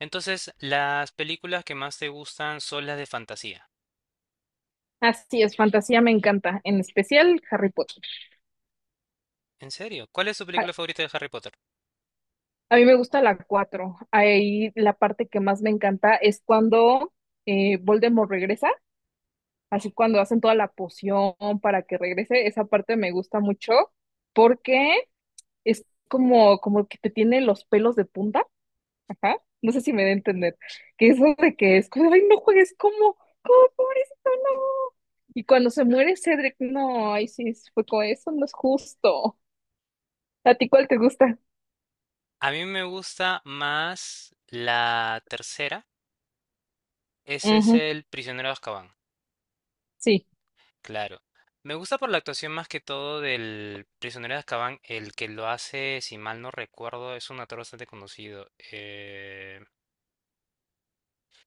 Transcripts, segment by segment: Entonces, las películas que más te gustan son las de fantasía. Así es, fantasía me encanta, en especial Harry Potter. ¿En serio? ¿Cuál es tu A, película favorita de Harry Potter? a mí me gusta la 4. Ahí la parte que más me encanta es cuando Voldemort regresa, así cuando hacen toda la poción para que regrese. Esa parte me gusta mucho porque es como que te tiene los pelos de punta. Ajá. No sé si me da a entender. Que eso de que es como, ay, no juegues como pobrecito, no. Y cuando se muere Cedric, no, ay, sí, fue con eso, no es justo. ¿A ti cuál te gusta? A mí me gusta más la tercera. Ese es Ujú, el Prisionero de Azkaban. sí, Claro. Me gusta por la actuación más que todo del Prisionero de Azkaban. El que lo hace, si mal no recuerdo, es un actor bastante conocido,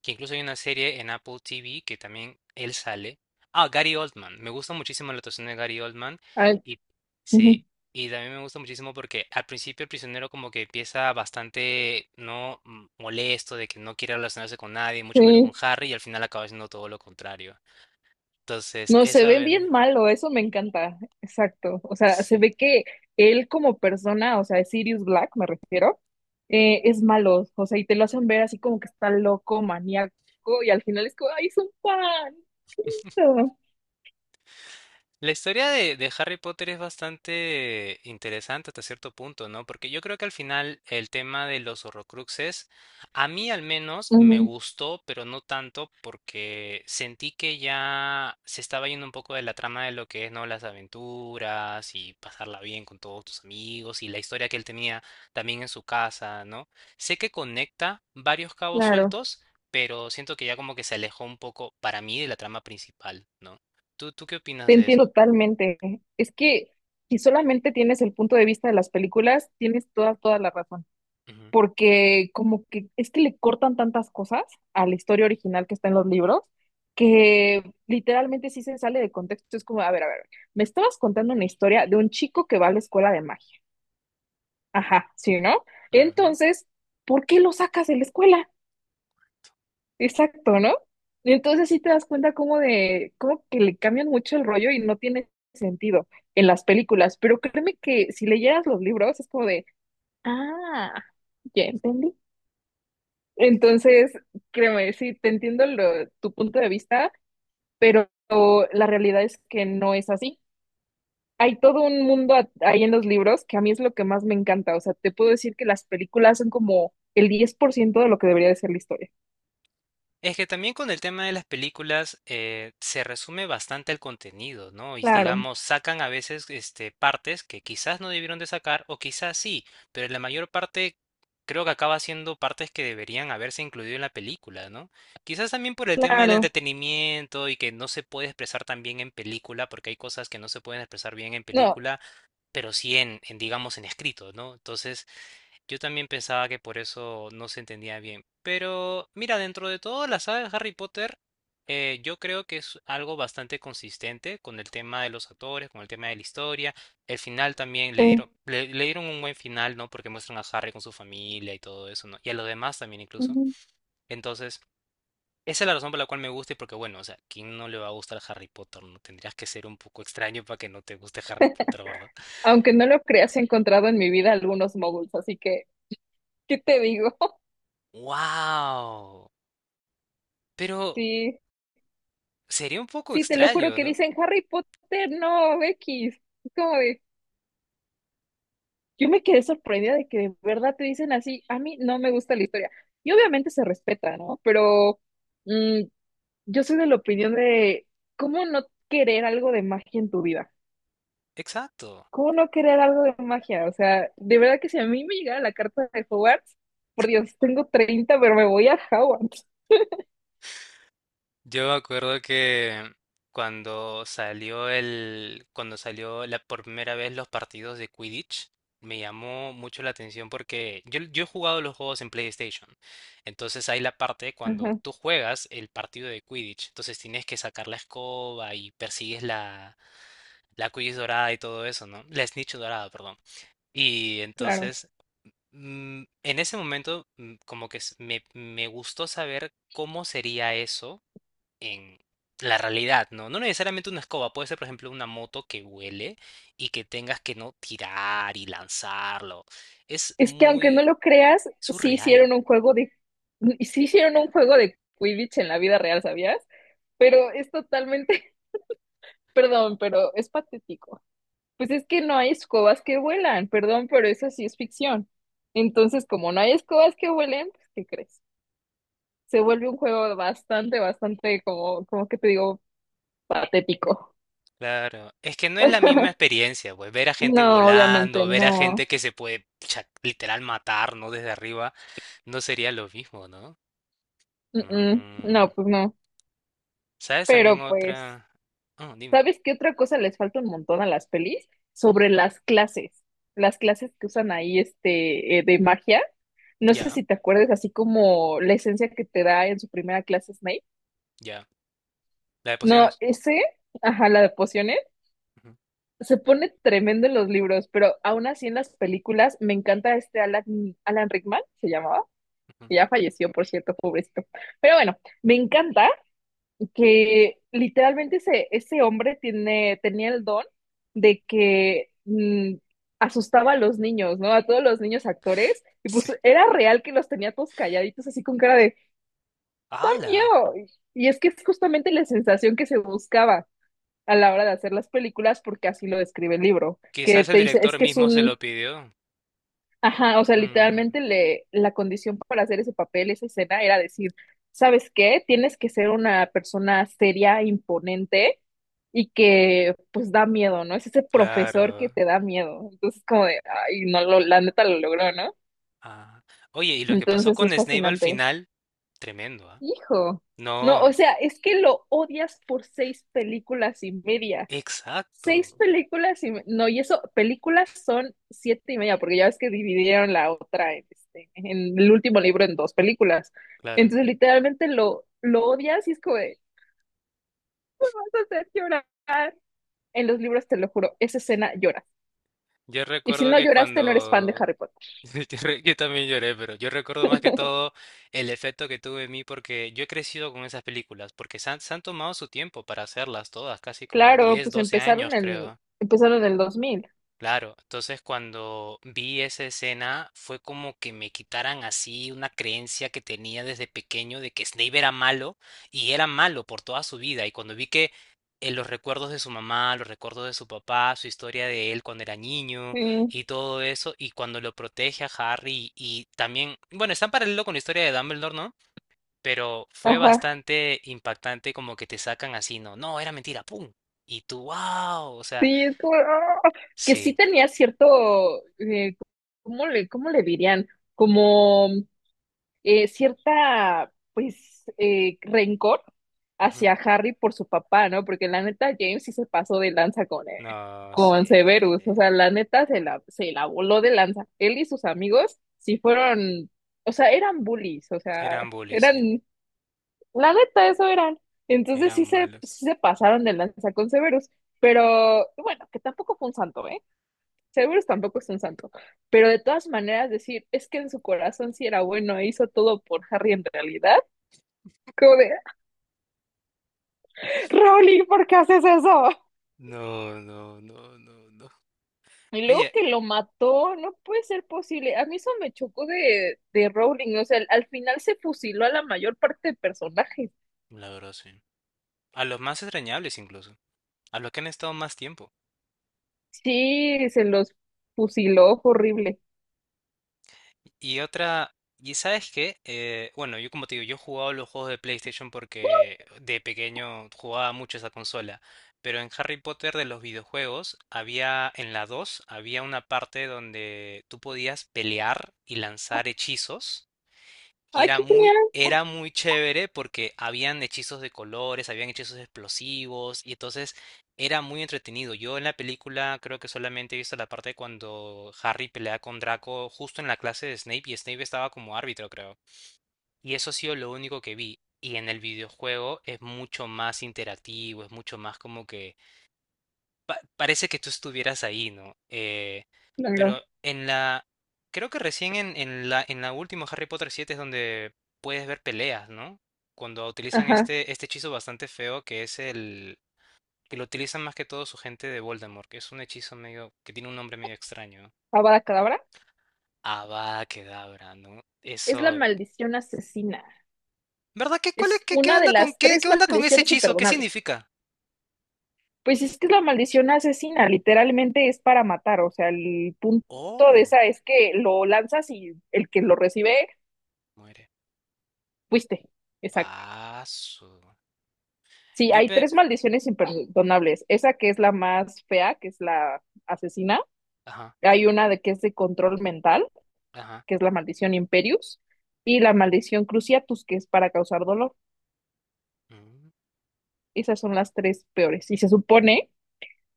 que incluso hay una serie en Apple TV que también él sale. Ah, Gary Oldman. Me gusta muchísimo la actuación de Gary Oldman. ah, Y ujú, sí, y también me gusta muchísimo porque al principio el prisionero como que empieza bastante, no, molesto de que no quiere relacionarse con nadie, mucho menos con sí, Harry, y al final acaba siendo todo lo contrario. Entonces, no, se ve bien malo, eso me encanta, exacto, o sea, se sí. ve que él como persona, o sea, Sirius Black me refiero, es malo, o sea, y te lo hacen ver así como que está loco, maníaco, y al final es como, ay, es un pan. La historia de Harry Potter es bastante interesante hasta cierto punto, ¿no? Porque yo creo que al final el tema de los Horrocruxes, a mí al menos me Ujú, gustó, pero no tanto porque sentí que ya se estaba yendo un poco de la trama de lo que es, ¿no? Las aventuras y pasarla bien con todos tus amigos y la historia que él tenía también en su casa, ¿no? Sé que conecta varios cabos claro, sueltos, pero siento que ya como que se alejó un poco para mí de la trama principal, ¿no? ¿Tú qué opinas te de entiendo eso? totalmente, es que si solamente tienes el punto de vista de las películas, tienes toda, toda la razón. Ujú, Porque como que es que le cortan tantas cosas a la historia original que está en los libros que literalmente sí se sale de contexto. Es como, a ver, me estabas contando una historia de un chico que va a la escuela de magia. Ajá, sí, ¿no? ujú. Entonces, ¿por qué lo sacas de la escuela? Exacto, ¿no? Y entonces sí te das cuenta como de, como que le cambian mucho el rollo y no tiene sentido en las películas, pero créeme que si leyeras los libros es como de, ah, ya entendí. Entonces, créeme, sí, te entiendo tu punto de vista, pero la realidad es que no es así. Hay todo un mundo ahí en los libros que a mí es lo que más me encanta. O sea, te puedo decir que las películas son como el 10% de lo que debería de ser la historia. Es que también con el tema de las películas, se resume bastante el contenido, ¿no? Y Claro, digamos, sacan a veces partes que quizás no debieron de sacar o quizás sí, pero la mayor parte creo que acaba siendo partes que deberían haberse incluido en la película, ¿no? Quizás también por el tema del claro. entretenimiento y que no se puede expresar tan bien en película, porque hay cosas que no se pueden expresar bien en No, película, pero sí en digamos, en escrito, ¿no? Entonces... Yo también pensaba que por eso no se entendía bien. Pero mira, dentro de toda la saga de Harry Potter, yo creo que es algo bastante consistente con el tema de los actores, con el tema de la historia. El final también le sí. dieron, le dieron un buen final, ¿no? Porque muestran a Harry con su familia y todo eso, ¿no? Y a los demás también incluso. Ujú. Entonces, esa es la razón por la cual me gusta y porque, bueno, o sea, ¿quién no le va a gustar Harry Potter? No tendrías que ser un poco extraño para que no te guste Harry Potter, ¿verdad? Aunque no lo creas, he encontrado en mi vida algunos moguls, así que, ¿qué te digo? ¡Wow! Pero Sí, sería un poco sí, te lo juro extraño, que ¿no? dicen Harry Potter, no, X. Yo me quedé sorprendida de que de verdad te dicen así, a mí no me gusta la historia. Y obviamente se respeta, ¿no? Pero mm, yo soy de la opinión de cómo no querer algo de magia en tu vida. Exacto. ¿Cómo no querer algo de magia? O sea, de verdad que si a mí me llegara la carta de Hogwarts, por Dios, tengo 30 pero me voy a Hogwarts. Yo me acuerdo que cuando cuando salió la por primera vez los partidos de Quidditch, me llamó mucho la atención porque yo he jugado los juegos en PlayStation. Entonces hay la parte cuando Ajá, tú juegas el partido de Quidditch. Entonces tienes que sacar la escoba y persigues la Quidditch dorada y todo eso, ¿no? La Snitch dorada. Y claro. entonces, en ese momento, como que me gustó saber cómo sería eso en la realidad, ¿no? No necesariamente una escoba, puede ser, por ejemplo, una moto que huele y que tengas que no tirar y lanzarlo. Es Es que aunque no muy lo creas, surreal. Sí hicieron un juego de Quidditch en la vida real, ¿sabías? Pero es totalmente. Perdón, pero es patético. Pues es que no hay escobas que vuelan, perdón, pero eso sí es ficción. Entonces, como no hay escobas que vuelen, pues, ¿qué crees? Se vuelve un juego bastante, bastante, como que te digo, patético. Claro, es que no es la misma experiencia, pues ver a gente No, obviamente volando, ver a gente no. que se puede literal matar, ¿no? Desde arriba, no sería lo mismo, ¿no? Mm, mm. Mm. No, pues no. ¿Sabes también Pero pues. otra? Oh, dime. ¿Sabes qué otra cosa les falta un montón a las pelis? Mm, Sobre las clases que usan ahí este, de magia. No sé ya, si te acuerdas, así como la esencia que te da en su primera clase Snape. ya. La de No, pociones. ese, ajá, la de pociones, Ujú, ujú. se pone tremendo en los libros, pero aún así en las películas me encanta este Alan Rickman, se llamaba, que ya falleció, por cierto, pobrecito. Pero bueno, me encanta que literalmente ese hombre tenía el don de que asustaba a los niños, ¿no? A todos los niños actores, y Sí. pues era real que los tenía todos calladitos así con cara de ¡Oh, ¡Hala! miedo! Y es que es justamente la sensación que se buscaba a la hora de hacer las películas, porque así lo describe el libro, que Quizás el te dice, es director que es mismo se un. lo pidió. Ajá, o sea, Mm, literalmente la condición para hacer ese papel, esa escena, era decir, ¿sabes qué? Tienes que ser una persona seria, imponente y que pues da miedo, ¿no? Es ese profesor que claro. te da miedo. Entonces, como de, ay, no, la neta lo logró, ¿no? Ah. Oye, y lo que pasó Entonces con es Snape al fascinante. final, tremendo, ¿ah? Hijo. No, o No, sea, es que lo odias por seis películas y media. Seis exacto. películas no, y eso, películas son siete y media, porque ya ves que dividieron la otra en, este, en el último libro en dos películas. Claro. Entonces, literalmente lo odias y es como de, vas a hacer llorar. En los libros, te lo juro, esa escena lloras. Yo Y si recuerdo no que lloraste, no eres fan de cuando Harry Potter. yo yo también lloré, pero yo recuerdo más que todo el efecto que tuvo en mí porque yo he crecido con esas películas, porque se han tomado su tiempo para hacerlas todas, casi como Claro, 10, pues 12 años creo. empezaron en el 2000. Claro, entonces cuando vi esa escena fue como que me quitaran así una creencia que tenía desde pequeño de que Snape era malo y era malo por toda su vida y cuando vi que en los recuerdos de su mamá, los recuerdos de su papá, su historia de él cuando era niño Sí, y todo eso y cuando lo protege a Harry y también, bueno, está en paralelo con la historia de Dumbledore, ¿no? Pero fue ajá. bastante impactante como que te sacan así, ¿no? No, era mentira, ¡pum! Y tú, wow, o sea, Sí, es como, ¡ah! Que sí sí. tenía cierto, eh, ¿cómo le dirían? Como cierta, pues, rencor hacia Harry por su papá, ¿no? Porque la neta James sí se pasó de lanza No con sé. Severus, o sea, la neta se la voló de lanza. Él y sus amigos sí fueron, o sea, eran bullies, o sea, Eran bullies, sí. eran, la neta, eso eran. Entonces sí Eran se, malos. sí se pasaron de lanza con Severus, pero bueno, que tampoco fue un santo, ¿eh? Seguro tampoco es un santo, pero de todas maneras decir, es que en su corazón sí era bueno e hizo todo por Harry en realidad, como de, Rowling, ¿por qué haces eso? No, no, no, no, no. Y luego Oye, que lo mató, no puede ser posible. A mí eso me chocó de Rowling, o sea, al final se fusiló a la mayor parte de personajes. la verdad, sí. A los más extrañables incluso. A los que han estado más tiempo. Sí, se los fusiló, fue horrible. Y otra... ¿Y sabes qué? Bueno, yo como te digo, yo jugaba los juegos de PlayStation porque de pequeño jugaba mucho esa consola. Pero en Harry Potter de los videojuegos en la 2 había una parte donde tú podías pelear y lanzar hechizos. Y Ay, era qué muy, genial. era muy chévere porque habían hechizos de colores, habían hechizos explosivos, y entonces era muy entretenido. Yo en la película creo que solamente he visto la parte cuando Harry pelea con Draco justo en la clase de Snape, y Snape estaba como árbitro, creo. Y eso ha sido lo único que vi. Y en el videojuego es mucho más interactivo, es mucho más como que parece que tú estuvieras ahí, ¿no? Claro. Pero en la... Creo que recién en la última Harry Potter 7 es donde puedes ver peleas, ¿no? Cuando utilizan Ajá. este hechizo bastante feo que es el... que lo utilizan más que todo su gente de Voldemort, que es un hechizo medio... que tiene un nombre medio extraño. Avada Kedavra Avada Kedavra, ¿no? es la Eso... maldición asesina. ¿Verdad? ¿Qué, cuál es- Es qué, qué una de onda con, las qué, tres qué onda con, ese maldiciones hechizo? ¿Qué imperdonables. significa? Pues es que es la maldición asesina, literalmente es para matar, o sea, el punto de Oh, esa es que lo lanzas y el que lo recibe, muere. fuiste, exacto. Paso. Sí, Yo hay pe... tres maldiciones imperdonables, esa que es la más fea, que es la asesina, Ajá, hay una de que es de control mental, ajá. que es la maldición Imperius, y la maldición Cruciatus, que es para causar dolor. Mm. Esas son las tres peores. Y se supone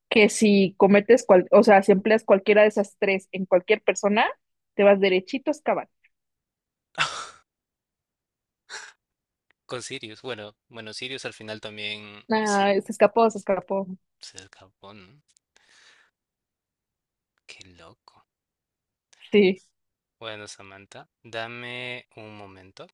que si cometes, o sea, si empleas cualquiera de esas tres en cualquier persona, te vas derechito a excavar. Con Sirius, bueno, bueno, Sirius al final también. Ah, Sirius se escapó, se escapó. se escapó, ¿no? Qué loco. Sí Bueno, Samantha, dame un momento.